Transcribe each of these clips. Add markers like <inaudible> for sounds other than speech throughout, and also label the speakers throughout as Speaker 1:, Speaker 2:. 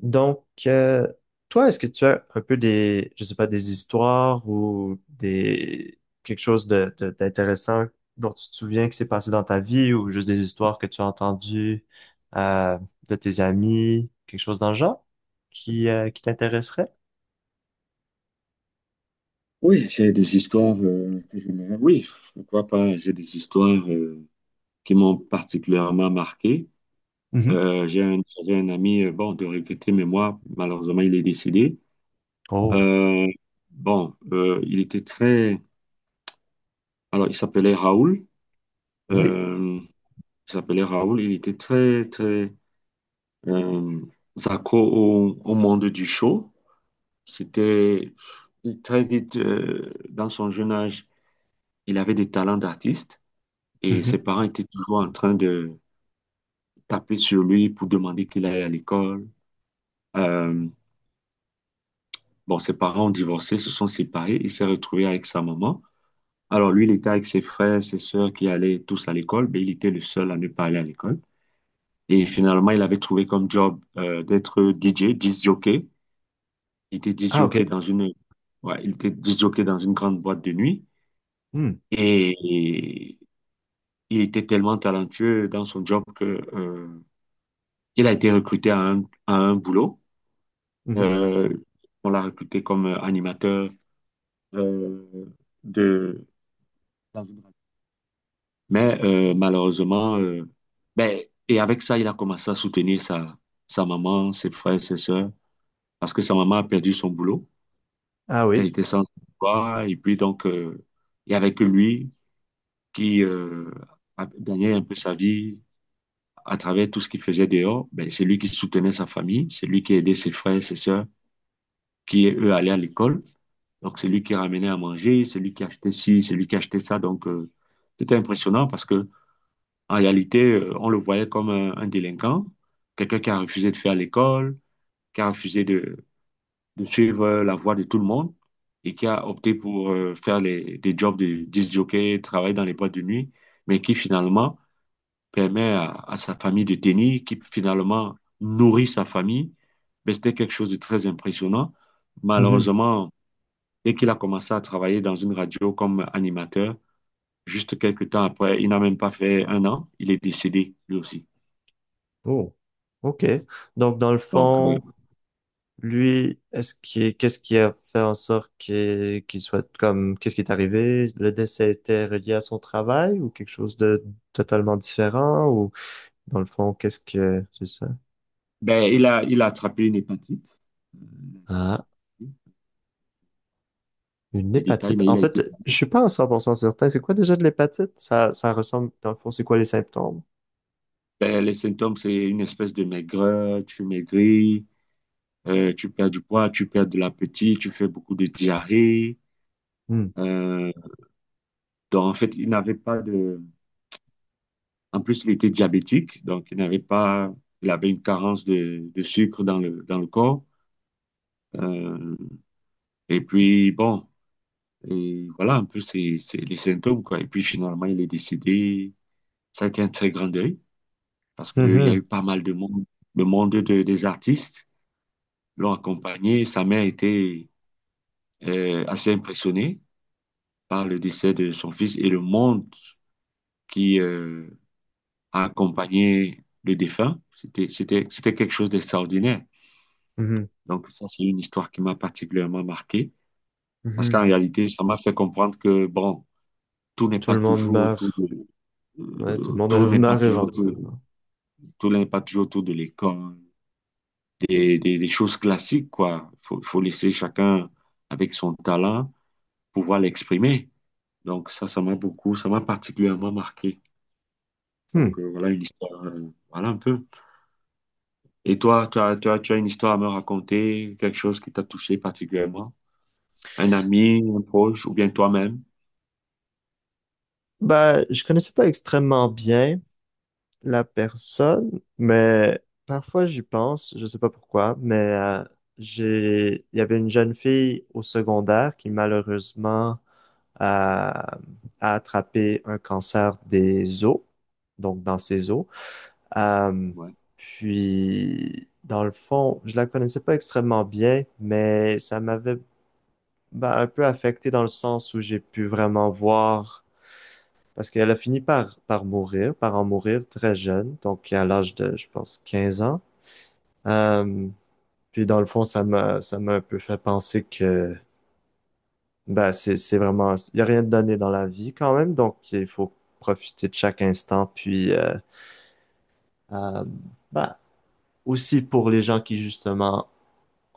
Speaker 1: Donc, euh, toi, est-ce que tu as un peu je sais pas, des histoires ou des quelque chose d'intéressant dont tu te souviens qui s'est passé dans ta vie ou juste des histoires que tu as entendues euh, de tes amis, quelque chose dans le genre qui t'intéresserait?
Speaker 2: Oui, j'ai des histoires que je me... Oui, pourquoi pas. J'ai des histoires qui m'ont particulièrement marqué.
Speaker 1: Mhm.
Speaker 2: J'avais un ami, bon, de regretter, mais moi, malheureusement, il est décédé.
Speaker 1: Oh,
Speaker 2: Euh, il était très... Alors, il s'appelait Raoul.
Speaker 1: oui.
Speaker 2: Euh, il s'appelait Raoul. Il était très euh, accro au monde du show. C'était très vite, dans son jeune âge, il avait des talents d'artiste. Et ses
Speaker 1: Mhm.
Speaker 2: parents étaient toujours en train de taper sur lui pour demander qu'il aille à l'école. Euh, bon, ses parents ont divorcé, se sont séparés. Il s'est retrouvé avec sa maman. Alors lui, il était avec ses frères, ses sœurs qui allaient tous à l'école, mais il était le seul à ne pas aller à l'école. Et finalement, il avait trouvé comme job d'être DJ, disc jockey. Il était disc
Speaker 1: Ah,
Speaker 2: jockey
Speaker 1: OK.
Speaker 2: dans une, ouais, il était disc jockey dans une grande boîte de nuit.
Speaker 1: Hmm.
Speaker 2: Et il était tellement talentueux dans son job que euh, il a été recruté à un boulot.
Speaker 1: Mhm.
Speaker 2: Euh, on l'a recruté comme animateur euh, de la zone radio. Mais malheureusement, ben, et avec ça, il a commencé à soutenir sa maman, ses frères, ses sœurs, parce que sa maman a perdu son boulot.
Speaker 1: Ah
Speaker 2: Elle
Speaker 1: oui.
Speaker 2: était sans emploi. Et puis donc, il n'y avait que lui qui a gagné un peu sa vie à travers tout ce qu'il faisait dehors. Ben, c'est lui qui soutenait sa famille, c'est lui qui aidait ses frères, ses sœurs, qui, eux, allaient à l'école. Donc, c'est lui qui ramenait à manger, c'est lui qui achetait ci, c'est lui qui achetait ça. Donc, c'était impressionnant parce que en réalité, on le voyait comme un délinquant, quelqu'un qui a refusé de faire l'école, qui a refusé de suivre la voie de tout le monde et qui a opté pour faire des jobs de disjockey, travailler dans les boîtes de nuit, mais qui finalement permet à sa famille de tenir, qui finalement nourrit sa famille. Mais c'était quelque chose de très impressionnant.
Speaker 1: Mhm.
Speaker 2: Malheureusement, dès qu'il a commencé à travailler dans une radio comme animateur, juste quelques temps après, il n'a même pas fait un an, il est décédé lui aussi.
Speaker 1: Oh, OK. Donc, dans le
Speaker 2: Donc,
Speaker 1: fond, lui, qu'est-ce qui a fait en sorte qu'il soit comme, qu'est-ce qui est arrivé? Le décès était relié à son travail ou quelque chose de totalement différent ou dans le fond, qu'est-ce que, c'est ça?
Speaker 2: ben, il a attrapé une hépatite, euh,
Speaker 1: Ah, une
Speaker 2: les détails,
Speaker 1: hépatite.
Speaker 2: mais il
Speaker 1: En
Speaker 2: a été.
Speaker 1: fait, je suis pas en 100% certain. C'est quoi déjà de l'hépatite? Ça ressemble, dans le fond, c'est quoi les symptômes?
Speaker 2: Ben, les symptômes, c'est une espèce de maigreur, tu maigris, tu perds du poids, tu perds de l'appétit, tu fais beaucoup de diarrhée.
Speaker 1: Hmm.
Speaker 2: Euh, donc, en fait, il n'avait pas de. En plus, il était diabétique, donc il n'avait pas. Il avait une carence de sucre dans dans le corps. Euh, Et puis, bon, et voilà un peu c'est les symptômes, quoi. Et puis, finalement, il est décédé. Ça a été un très grand deuil parce qu'il y a
Speaker 1: Mhm.
Speaker 2: eu pas mal de monde, le monde de, des artistes l'ont accompagné. Sa mère était assez impressionnée par le décès de son fils et le monde qui a accompagné le défunt. C'était quelque chose d'extraordinaire.
Speaker 1: Mhm.
Speaker 2: Donc, ça, c'est une histoire qui m'a particulièrement marqué parce qu'en
Speaker 1: Mhm.
Speaker 2: réalité, ça m'a fait comprendre que, bon, tout n'est
Speaker 1: Tout
Speaker 2: pas
Speaker 1: le monde
Speaker 2: toujours autour
Speaker 1: meurt.
Speaker 2: de,
Speaker 1: Ouais, tout le
Speaker 2: Euh,
Speaker 1: monde
Speaker 2: tout
Speaker 1: <laughs>
Speaker 2: n'est pas
Speaker 1: meurt
Speaker 2: toujours, tout,
Speaker 1: éventuellement.
Speaker 2: tout n'est pas toujours autour de l'école. Des choses classiques, quoi. Faut laisser chacun avec son talent pouvoir l'exprimer. Donc ça, ça m'a particulièrement marqué.
Speaker 1: Hmm.
Speaker 2: Donc voilà une histoire, voilà un peu. Et toi, tu as une histoire à me raconter, quelque chose qui t'a touché particulièrement? Un ami, un proche, ou bien toi-même?
Speaker 1: Ben, je connaissais pas extrêmement bien la personne, mais parfois j'y pense, je sais pas pourquoi, mais j'ai, il y avait une jeune fille au secondaire qui malheureusement a attrapé un cancer des os, donc dans ses os. Euh,
Speaker 2: Ouais.
Speaker 1: Puis, dans le fond, je la connaissais pas extrêmement bien, mais ça m'avait ben, un peu affecté dans le sens où j'ai pu vraiment voir. Parce qu'elle a fini par mourir, par en mourir très jeune, donc à l'âge de, je pense, 15 ans. Euh, Puis dans le fond, ça m'a un peu fait penser que, bah, c'est vraiment, il y a rien de donné dans la vie quand même, donc il faut profiter de chaque instant. Euh, bah, aussi pour les gens qui justement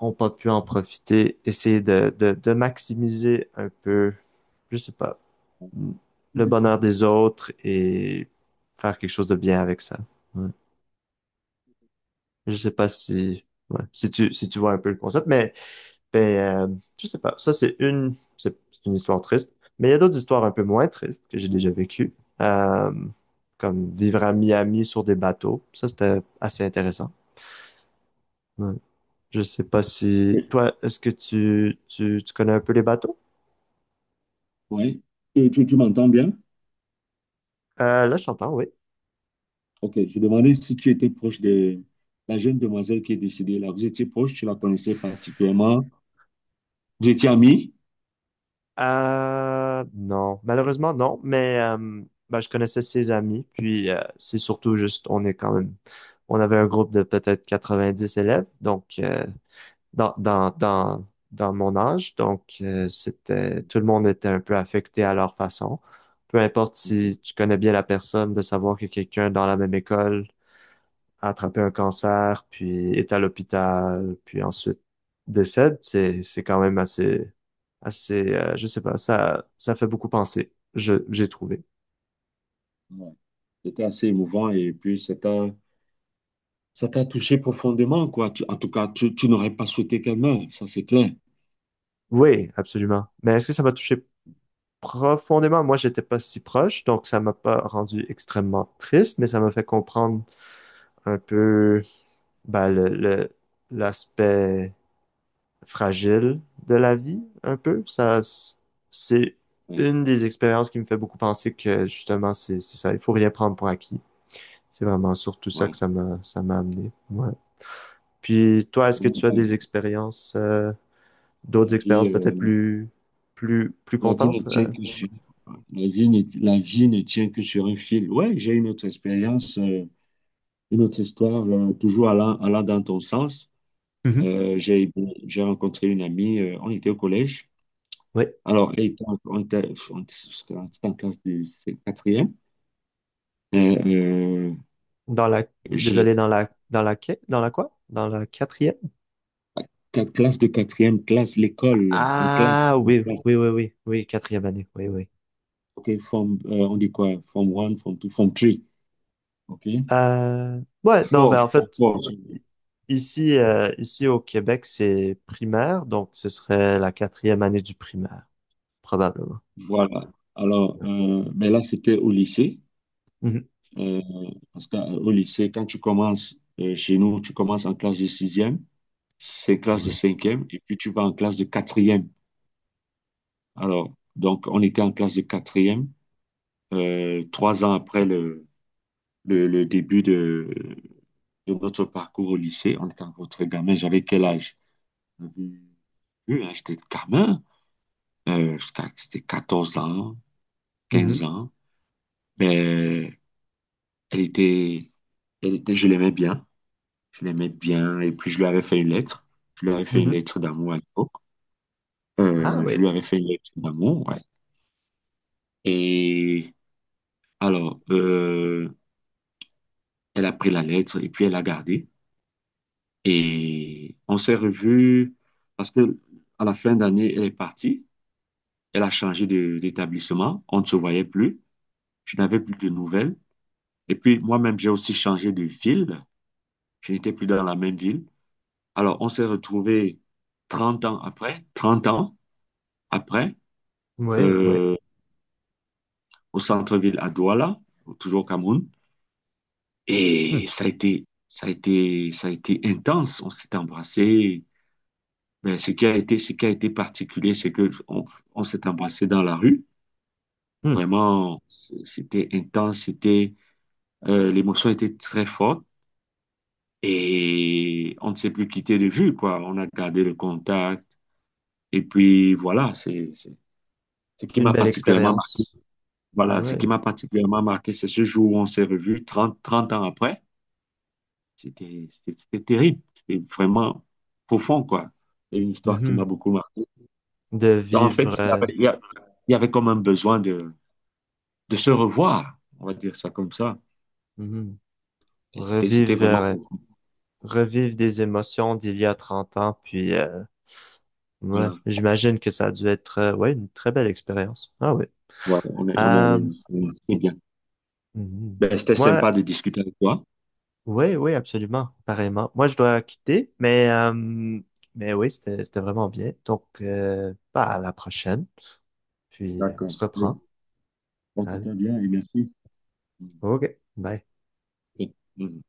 Speaker 1: ont pas pu en profiter, essayer de maximiser un peu, je sais pas, le bonheur des autres et faire quelque chose de bien avec ça. Ouais. Je sais pas si, ouais, si tu vois un peu le concept, mais je sais pas. Ça, c'est une histoire triste. Mais il y a d'autres histoires un peu moins tristes que j'ai déjà vécues. Euh, Comme vivre à Miami sur des bateaux. Ça, c'était assez intéressant. Ouais. Je sais pas si, toi, est-ce que tu connais un peu les bateaux?
Speaker 2: Oui. Tu, tu m'entends bien?
Speaker 1: Là, je t'entends, oui.
Speaker 2: Ok, je demandais si tu étais proche de la jeune demoiselle qui est décédée là. Vous étiez proche, tu la connaissais particulièrement. Vous étiez amis?
Speaker 1: Non, malheureusement non, mais ben, je connaissais ses amis, puis c'est surtout juste, on est quand même, on avait un groupe de peut-être 90 élèves, donc dans mon âge, donc c'était, tout le monde était un peu affecté à leur façon. Peu importe
Speaker 2: Ok,
Speaker 1: si tu connais bien la personne, de savoir que quelqu'un dans la même école a attrapé un cancer, puis est à l'hôpital, puis ensuite décède, c'est quand même assez je sais pas, ça ça fait beaucoup penser, je j'ai trouvé.
Speaker 2: ouais. C'était assez émouvant et puis ça t'a touché profondément, quoi. Tu- en tout cas, tu n'aurais pas souhaité qu'elle meure, ça c'est clair.
Speaker 1: Oui, absolument. Mais est-ce que ça m'a touché profondément? Moi, j'étais pas si proche, donc ça m'a pas rendu extrêmement triste, mais ça m'a fait comprendre un peu ben, l'aspect fragile de la vie, un peu. C'est
Speaker 2: Ouais,
Speaker 1: une des expériences qui me fait beaucoup penser que justement, c'est ça, il faut rien prendre pour acquis. C'est vraiment surtout ça
Speaker 2: ouais.
Speaker 1: que ça m'a amené. Ouais. Puis toi, est-ce que
Speaker 2: Ouais,
Speaker 1: tu as
Speaker 2: ouais.
Speaker 1: des expériences, d'autres
Speaker 2: La vie,
Speaker 1: expériences peut-être
Speaker 2: euh,
Speaker 1: plus
Speaker 2: La vie ne
Speaker 1: contentes,
Speaker 2: tient
Speaker 1: euh?
Speaker 2: que sur, la vie ne tient que sur un fil. Ouais, j'ai une autre expérience, une autre histoire, toujours allant dans ton sens.
Speaker 1: Mhm.
Speaker 2: Euh, j'ai, j'ai rencontré une amie, on était au collège.
Speaker 1: Oui.
Speaker 2: Alors, elle était en- on était, on était on était en classe de c'est quatrième. Euh, euh,
Speaker 1: Dans la,
Speaker 2: j'ai
Speaker 1: désolé, dans la quoi? Dans la quatrième?
Speaker 2: quatre classes de quatrième classe, l'école, en classe,
Speaker 1: Ah
Speaker 2: en
Speaker 1: oui,
Speaker 2: classe.
Speaker 1: oui, oui, oui, oui, quatrième année, oui, oui.
Speaker 2: OK, form, on dit quoi? Form one, form two, form three. OK?
Speaker 1: Ouais, non, ben
Speaker 2: Four,
Speaker 1: en
Speaker 2: fort,
Speaker 1: fait,
Speaker 2: four.
Speaker 1: i- ici, ici au Québec, c'est primaire, donc ce serait la quatrième année du primaire, probablement.
Speaker 2: Voilà. Alors,
Speaker 1: Ouais.
Speaker 2: mais là, c'était au lycée.
Speaker 1: Mhm,
Speaker 2: Euh, parce qu'au lycée, quand tu commences, chez nous, tu commences en classe de sixième, c'est classe de
Speaker 1: ouais.
Speaker 2: cinquième, et puis tu vas en classe de quatrième. Alors, donc, on était en classe de quatrième, trois ans après le début de notre parcours au lycée. On était encore très gamin. J'avais quel âge? J'avais- oui, hein, j'étais gamin. C'était 14 ans,
Speaker 1: Mhm,
Speaker 2: quinze ans. Mais elle était, elle était, je l'aimais bien. Je l'aimais bien. Et puis, je lui avais fait une lettre. Je lui avais fait une
Speaker 1: mhm.
Speaker 2: lettre d'amour à l'époque.
Speaker 1: Ah
Speaker 2: Je lui
Speaker 1: oui,
Speaker 2: avais fait une lettre d'amour, ouais. Et alors, elle a pris la lettre et puis elle a gardé. Et on s'est revus parce que à la fin d'année, elle est partie. Elle a changé de- d'établissement. On ne se voyait plus. Je n'avais plus de nouvelles. Et puis moi-même, j'ai aussi changé de ville. Je n'étais plus dans la même ville. Alors, on s'est retrouvés 30 ans après. 30 ans après.
Speaker 1: oui, oui.
Speaker 2: Euh, au centre-ville à Douala, toujours au Cameroun. Et
Speaker 1: Hum,
Speaker 2: ça a été intense. On s'est embrassé. Mais ce qui a été particulier, c'est que on s'est embrassé dans la rue.
Speaker 1: hum.
Speaker 2: Vraiment, c'était intense. C'était, l'émotion était très forte. Et on ne s'est plus quitté de vue, quoi. On a gardé le contact. Et puis voilà, c'est ce qui
Speaker 1: Une
Speaker 2: m'a
Speaker 1: belle
Speaker 2: particulièrement marqué.
Speaker 1: expérience.
Speaker 2: Voilà, ce qui
Speaker 1: Oui.
Speaker 2: m'a particulièrement marqué, c'est ce jour où on s'est revus 30 ans après. C'était terrible. C'était vraiment profond, quoi. C'est une histoire qui m'a
Speaker 1: Mhm.
Speaker 2: beaucoup marqué.
Speaker 1: De
Speaker 2: Donc, en
Speaker 1: vivre,
Speaker 2: fait, il y avait comme un besoin de se revoir, on va dire ça comme ça.
Speaker 1: mhm.
Speaker 2: Et c'était
Speaker 1: Revivre,
Speaker 2: vraiment profond.
Speaker 1: revivre des émotions d'il y a 30 ans, puis ouais,
Speaker 2: Voilà.
Speaker 1: j'imagine que ça a dû être, ouais, une très belle expérience. Ah oui.
Speaker 2: Ouais, on est
Speaker 1: Euh,
Speaker 2: allé- on est- c'est bien.
Speaker 1: mhm.
Speaker 2: Ben, c'était
Speaker 1: Moi,
Speaker 2: sympa de discuter avec toi.
Speaker 1: oui, oui, absolument, pareillement. Moi, je dois quitter, mais oui, c'était, c'était vraiment bien. Donc, bah, à la prochaine, puis on
Speaker 2: D'accord.
Speaker 1: se
Speaker 2: Allez,
Speaker 1: reprend. Allez,
Speaker 2: porte-toi bien et merci.
Speaker 1: OK, bye.
Speaker 2: Ok. Mhm.